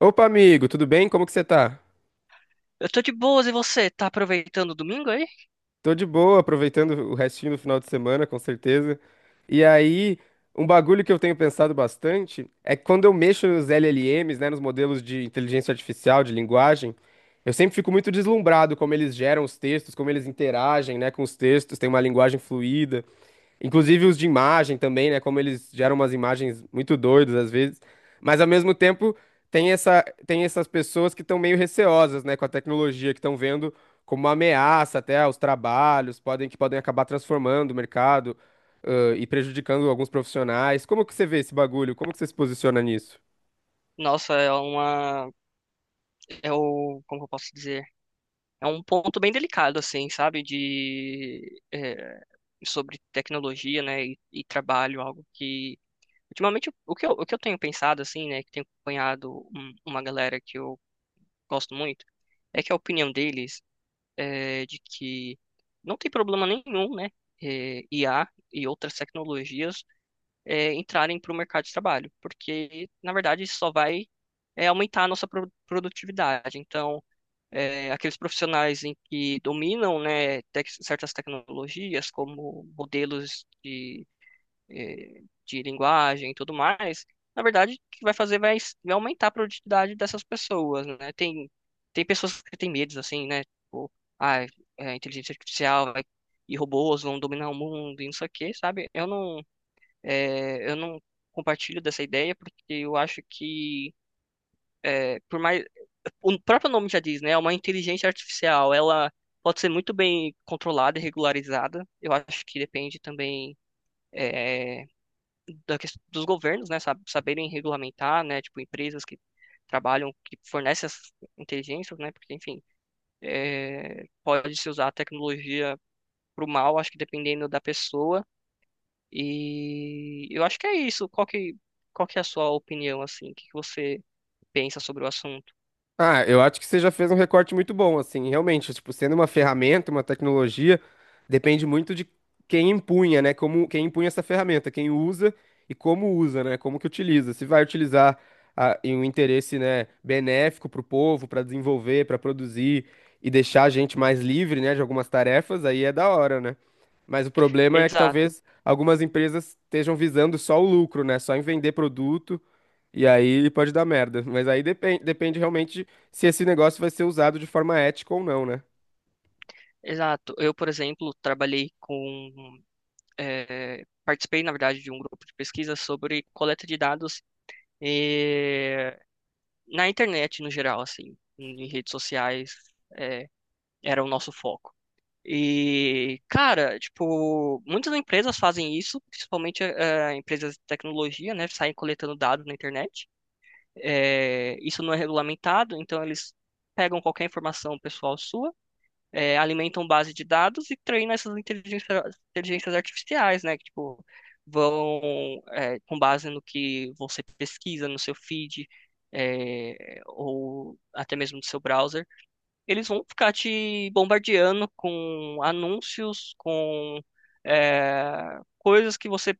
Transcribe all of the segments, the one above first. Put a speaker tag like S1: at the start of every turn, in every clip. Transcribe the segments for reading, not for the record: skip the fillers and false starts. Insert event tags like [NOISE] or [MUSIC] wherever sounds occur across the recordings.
S1: Opa, amigo, tudo bem? Como que você tá?
S2: Eu tô de boas e você? Tá aproveitando o domingo aí?
S1: Tô de boa, aproveitando o restinho do final de semana, com certeza. E aí, um bagulho que eu tenho pensado bastante é que quando eu mexo nos LLMs, né, nos modelos de inteligência artificial, de linguagem, eu sempre fico muito deslumbrado como eles geram os textos, como eles interagem, né, com os textos, tem uma linguagem fluida. Inclusive os de imagem também, né? Como eles geram umas imagens muito doidas às vezes. Mas ao mesmo tempo tem essas pessoas que estão meio receosas, né, com a tecnologia, que estão vendo como uma ameaça até aos trabalhos, podem acabar transformando o mercado, e prejudicando alguns profissionais. Como que você vê esse bagulho? Como que você se posiciona nisso?
S2: Nossa, é uma. É o. Como que eu posso dizer? É um ponto bem delicado, assim, sabe? Sobre tecnologia, né? E trabalho, algo que. Ultimamente, o que eu tenho pensado, assim, né? Que tenho acompanhado uma galera que eu gosto muito, é que a opinião deles é de que não tem problema nenhum, né? IA e outras tecnologias entrarem para o mercado de trabalho, porque, na verdade, isso só vai aumentar a nossa produtividade. Então, aqueles profissionais em que dominam, né, certas tecnologias, como modelos de, de linguagem e tudo mais, na verdade, o que vai fazer vai aumentar a produtividade dessas pessoas, né? Tem pessoas que têm medos, assim, né? Tipo, ah, inteligência artificial e robôs vão dominar o mundo e não sei o quê, sabe? Eu não compartilho dessa ideia porque eu acho que, é, por mais, o próprio nome já diz, né? É uma inteligência artificial. Ela pode ser muito bem controlada e regularizada. Eu acho que depende também é, dos governos, né? Saberem regulamentar, né? Tipo, empresas que trabalham, que fornecem essas inteligências, né? Porque, enfim, pode-se usar a tecnologia para o mal, acho que dependendo da pessoa. E eu acho que é isso. Qual que é a sua opinião, assim? O que que você pensa sobre o assunto?
S1: Ah, eu acho que você já fez um recorte muito bom, assim, realmente, tipo, sendo uma ferramenta, uma tecnologia, depende muito de quem empunha, né? Como quem empunha essa ferramenta, quem usa e como usa, né? Como que utiliza. Se vai utilizar ah, em um interesse, né, benéfico para o povo, para desenvolver, para produzir e deixar a gente mais livre, né, de algumas tarefas, aí é da hora, né? Mas o problema é que
S2: Exato,
S1: talvez algumas empresas estejam visando só o lucro, né? Só em vender produto e aí pode dar merda. Mas aí depende, depende realmente se esse negócio vai ser usado de forma ética ou não, né?
S2: exato. Eu, por exemplo, trabalhei com... participei, na verdade, de um grupo de pesquisa sobre coleta de dados eh, na internet, no geral, assim, em redes sociais, eh, era o nosso foco. E, cara, tipo, muitas empresas fazem isso, principalmente empresas de tecnologia, né? Saem coletando dados na internet. É, isso não é regulamentado, então eles pegam qualquer informação pessoal sua, alimentam base de dados e treinam inteligências artificiais, né? Que, tipo, vão, com base no que você pesquisa no seu feed, ou até mesmo no seu browser, eles vão ficar te bombardeando com anúncios, com coisas que você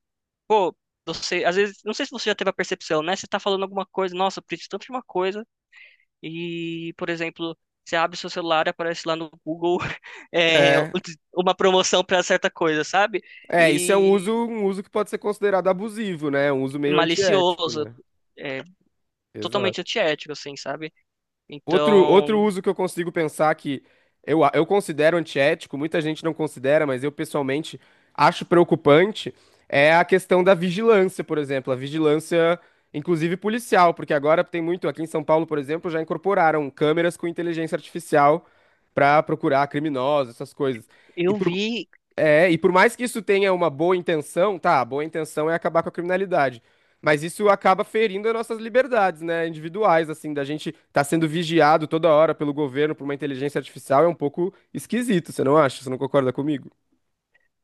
S2: Pô, você, às vezes, não sei se você já teve a percepção, né? Você tá falando alguma coisa, nossa, eu preciso tanto de uma coisa, e, por exemplo, você abre seu celular e aparece lá no Google [LAUGHS] é,
S1: É,
S2: uma promoção para certa coisa, sabe?
S1: é, isso é
S2: E
S1: um uso que pode ser considerado abusivo, né? É um uso meio antiético,
S2: malicioso,
S1: né?
S2: é, totalmente
S1: Exato.
S2: antiético, assim, sabe?
S1: Outro,
S2: Então,
S1: outro uso que eu consigo pensar que eu considero antiético, muita gente não considera, mas eu pessoalmente acho preocupante, é a questão da vigilância, por exemplo, a vigilância, inclusive policial, porque agora tem muito, aqui em São Paulo, por exemplo, já incorporaram câmeras com inteligência artificial para procurar criminosos, essas coisas. E
S2: eu
S1: por,
S2: vi,
S1: e por mais que isso tenha uma boa intenção, tá, a boa intenção é acabar com a criminalidade. Mas isso acaba ferindo as nossas liberdades, né, individuais, assim, da gente estar sendo vigiado toda hora pelo governo por uma inteligência artificial é um pouco esquisito, você não acha? Você não concorda comigo?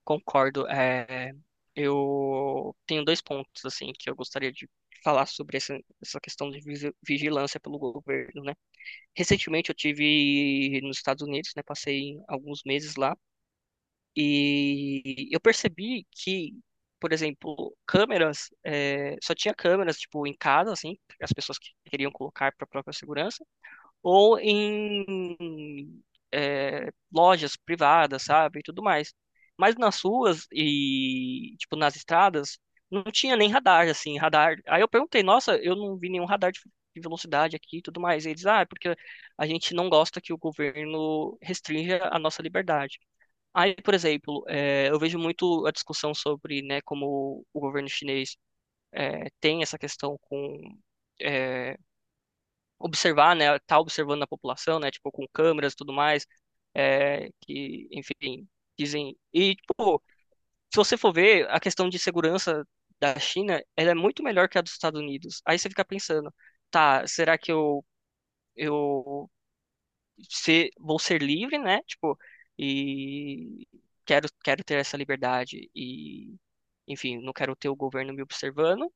S2: concordo, eu tenho 2 pontos, assim, que eu gostaria de falar sobre essa questão de vigilância pelo governo, né? Recentemente eu tive nos Estados Unidos, né? Passei alguns meses lá e eu percebi que, por exemplo, câmeras, só tinha câmeras tipo em casa, assim, as pessoas que queriam colocar para própria segurança ou em lojas privadas, sabe, e tudo mais. Mas nas ruas e, tipo, nas estradas, não tinha nem radar, assim, radar. Aí eu perguntei, nossa, eu não vi nenhum radar de velocidade aqui e tudo mais. E eles, ah, é porque a gente não gosta que o governo restrinja a nossa liberdade. Aí, por exemplo, é, eu vejo muito a discussão sobre, né, como o governo chinês tem essa questão com eh, observar, né, tá observando a população, né, tipo, com câmeras e tudo mais, é, que, enfim, dizem. E, tipo, se você for ver, a questão de segurança da China, ela é muito melhor que a dos Estados Unidos. Aí você fica pensando, tá, será que eu se, vou ser livre, né, tipo, e quero ter essa liberdade e, enfim, não quero ter o governo me observando,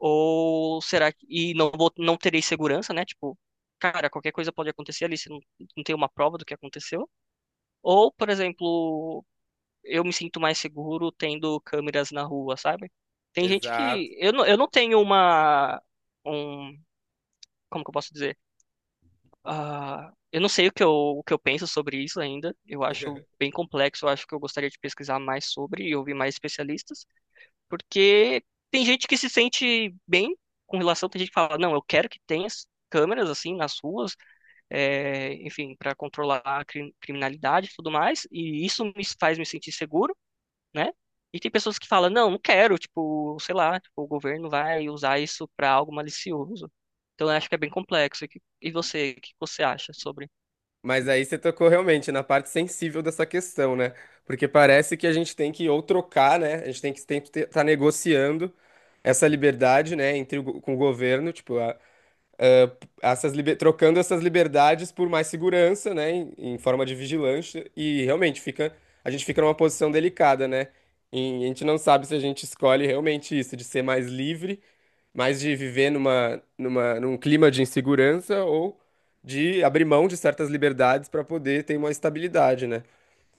S2: Ou será que. E não, vou- não terei segurança, né? Tipo, cara, qualquer coisa pode acontecer ali, você não, não tem uma prova do que aconteceu. Ou, por exemplo, eu me sinto mais seguro tendo câmeras na rua, sabe? Tem gente
S1: Exato.
S2: que. Eu não tenho uma. Um, como que eu posso dizer? Ah, eu não sei o que eu penso sobre isso ainda. Eu acho bem complexo, eu acho que eu gostaria de pesquisar mais sobre e ouvir mais especialistas. Porque tem gente que se sente bem com relação, tem gente que fala, não, eu quero que tenha as câmeras assim nas ruas, enfim, para controlar a criminalidade e tudo mais, e isso me faz me sentir seguro, né? E tem pessoas que falam, não, não quero, tipo, sei lá, tipo, o governo vai usar isso para algo malicioso. Então eu acho que é bem complexo. E você, o que você acha sobre?
S1: Mas aí você tocou realmente na parte sensível dessa questão, né? Porque parece que a gente tem que ou trocar, né? A gente tem que estar negociando essa liberdade, né, entre com o governo, tipo, trocando essas liberdades por mais segurança, né, em, em forma de vigilância, e realmente fica, a gente fica numa posição delicada, né? E a gente não sabe se a gente escolhe realmente isso, de ser mais livre, mais de viver num clima de insegurança ou de abrir mão de certas liberdades para poder ter uma estabilidade, né?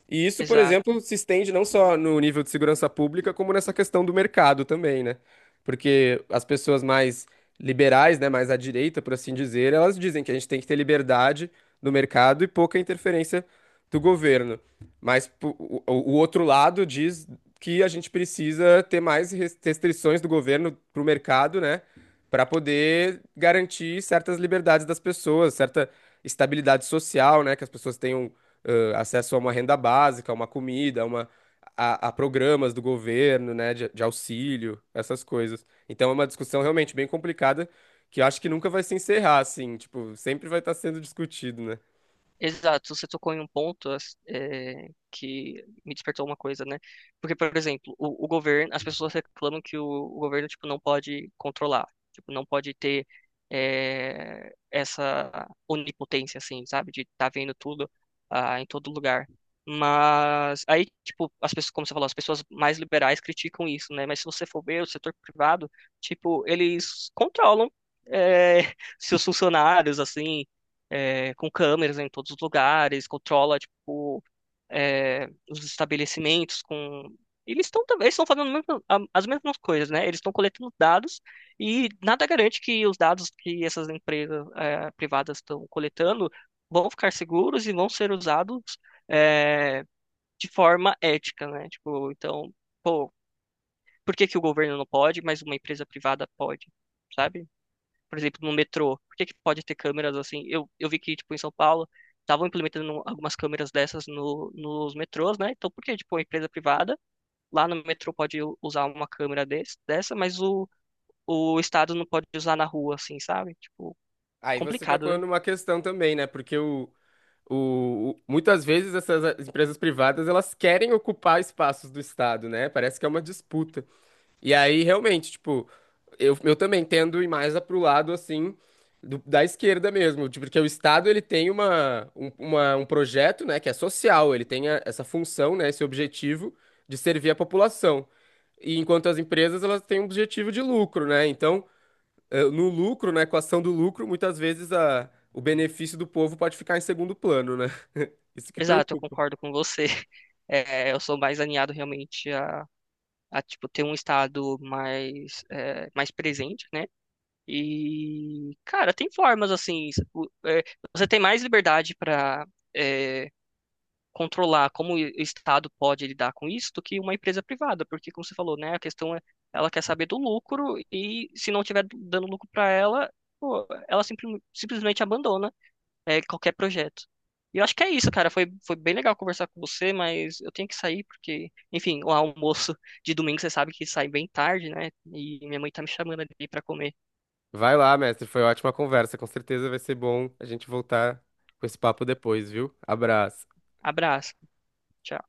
S1: E isso, por exemplo,
S2: Exato.
S1: se estende não só no nível de segurança pública, como nessa questão do mercado também, né? Porque as pessoas mais liberais, né, mais à direita, por assim dizer, elas dizem que a gente tem que ter liberdade no mercado e pouca interferência do governo. Mas o outro lado diz que a gente precisa ter mais restrições do governo para o mercado, né, para poder garantir certas liberdades das pessoas, certa estabilidade social, né, que as pessoas tenham acesso a uma renda básica, a uma comida, a programas do governo, né, de auxílio, essas coisas. Então é uma discussão realmente bem complicada que eu acho que nunca vai se encerrar, assim, tipo, sempre vai estar sendo discutido, né?
S2: Exato, você tocou em um ponto que me despertou uma coisa, né? Porque, por exemplo, o governo, as pessoas reclamam que o governo, tipo, não pode controlar, tipo, não pode ter essa onipotência, assim, sabe? De estar vendo tudo ah, em todo lugar. Mas aí, tipo, as pessoas, como você falou, as pessoas mais liberais criticam isso, né? Mas se você for ver o setor privado, tipo, eles controlam eh, [LAUGHS] seus funcionários, assim com câmeras em todos os lugares, controla tipo os estabelecimentos com eles estão fazendo as mesmas coisas, né? Eles estão coletando dados e nada garante que os dados que essas empresas privadas estão coletando vão ficar seguros e vão ser usados é, de forma ética, né? Tipo, então, pô, por que que o governo não pode, mas uma empresa privada pode? Sabe? Por exemplo, no metrô? Por que que pode ter câmeras assim? Eu vi que, tipo, em São Paulo, estavam implementando algumas câmeras dessas no, nos metrôs, né? Então, por que, tipo, uma empresa privada lá no metrô pode usar uma câmera dessa, mas o Estado não pode usar na rua, assim, sabe? Tipo,
S1: Aí você
S2: complicado,
S1: tocou
S2: né?
S1: numa questão também, né? Porque o- muitas vezes essas empresas privadas elas querem ocupar espaços do Estado, né? Parece que é uma disputa. E aí, realmente, tipo, eu também tendo ir mais pro lado, assim, do- da esquerda mesmo, tipo, porque o Estado, ele tem um projeto, né, que é social, ele tem essa função, né, esse objetivo de servir a população. E enquanto as empresas, elas têm um objetivo de lucro, né, então, eh, no lucro, na equação do lucro, muitas vezes o benefício do povo pode ficar em segundo plano, né, [LAUGHS] isso que
S2: Exato, eu
S1: preocupa.
S2: concordo com você. [LAUGHS] É, eu sou mais alinhado realmente a tipo, ter um Estado mais, é, mais presente, né? E, cara, tem formas assim. Você tem mais liberdade para controlar como o Estado pode lidar com isso do que uma empresa privada, porque, como você falou, né, a questão é ela quer saber do lucro e se não tiver dando lucro para ela, pô, ela simplesmente abandona qualquer projeto. E eu acho que é isso, cara. Foi bem legal conversar com você, mas eu tenho que sair porque, enfim, o almoço de domingo você sabe que sai bem tarde, né? E minha mãe tá me chamando ali para comer.
S1: Vai lá, mestre. Foi ótima conversa. Com certeza vai ser bom a gente voltar com esse papo depois, viu? Abraço.
S2: Abraço. Tchau.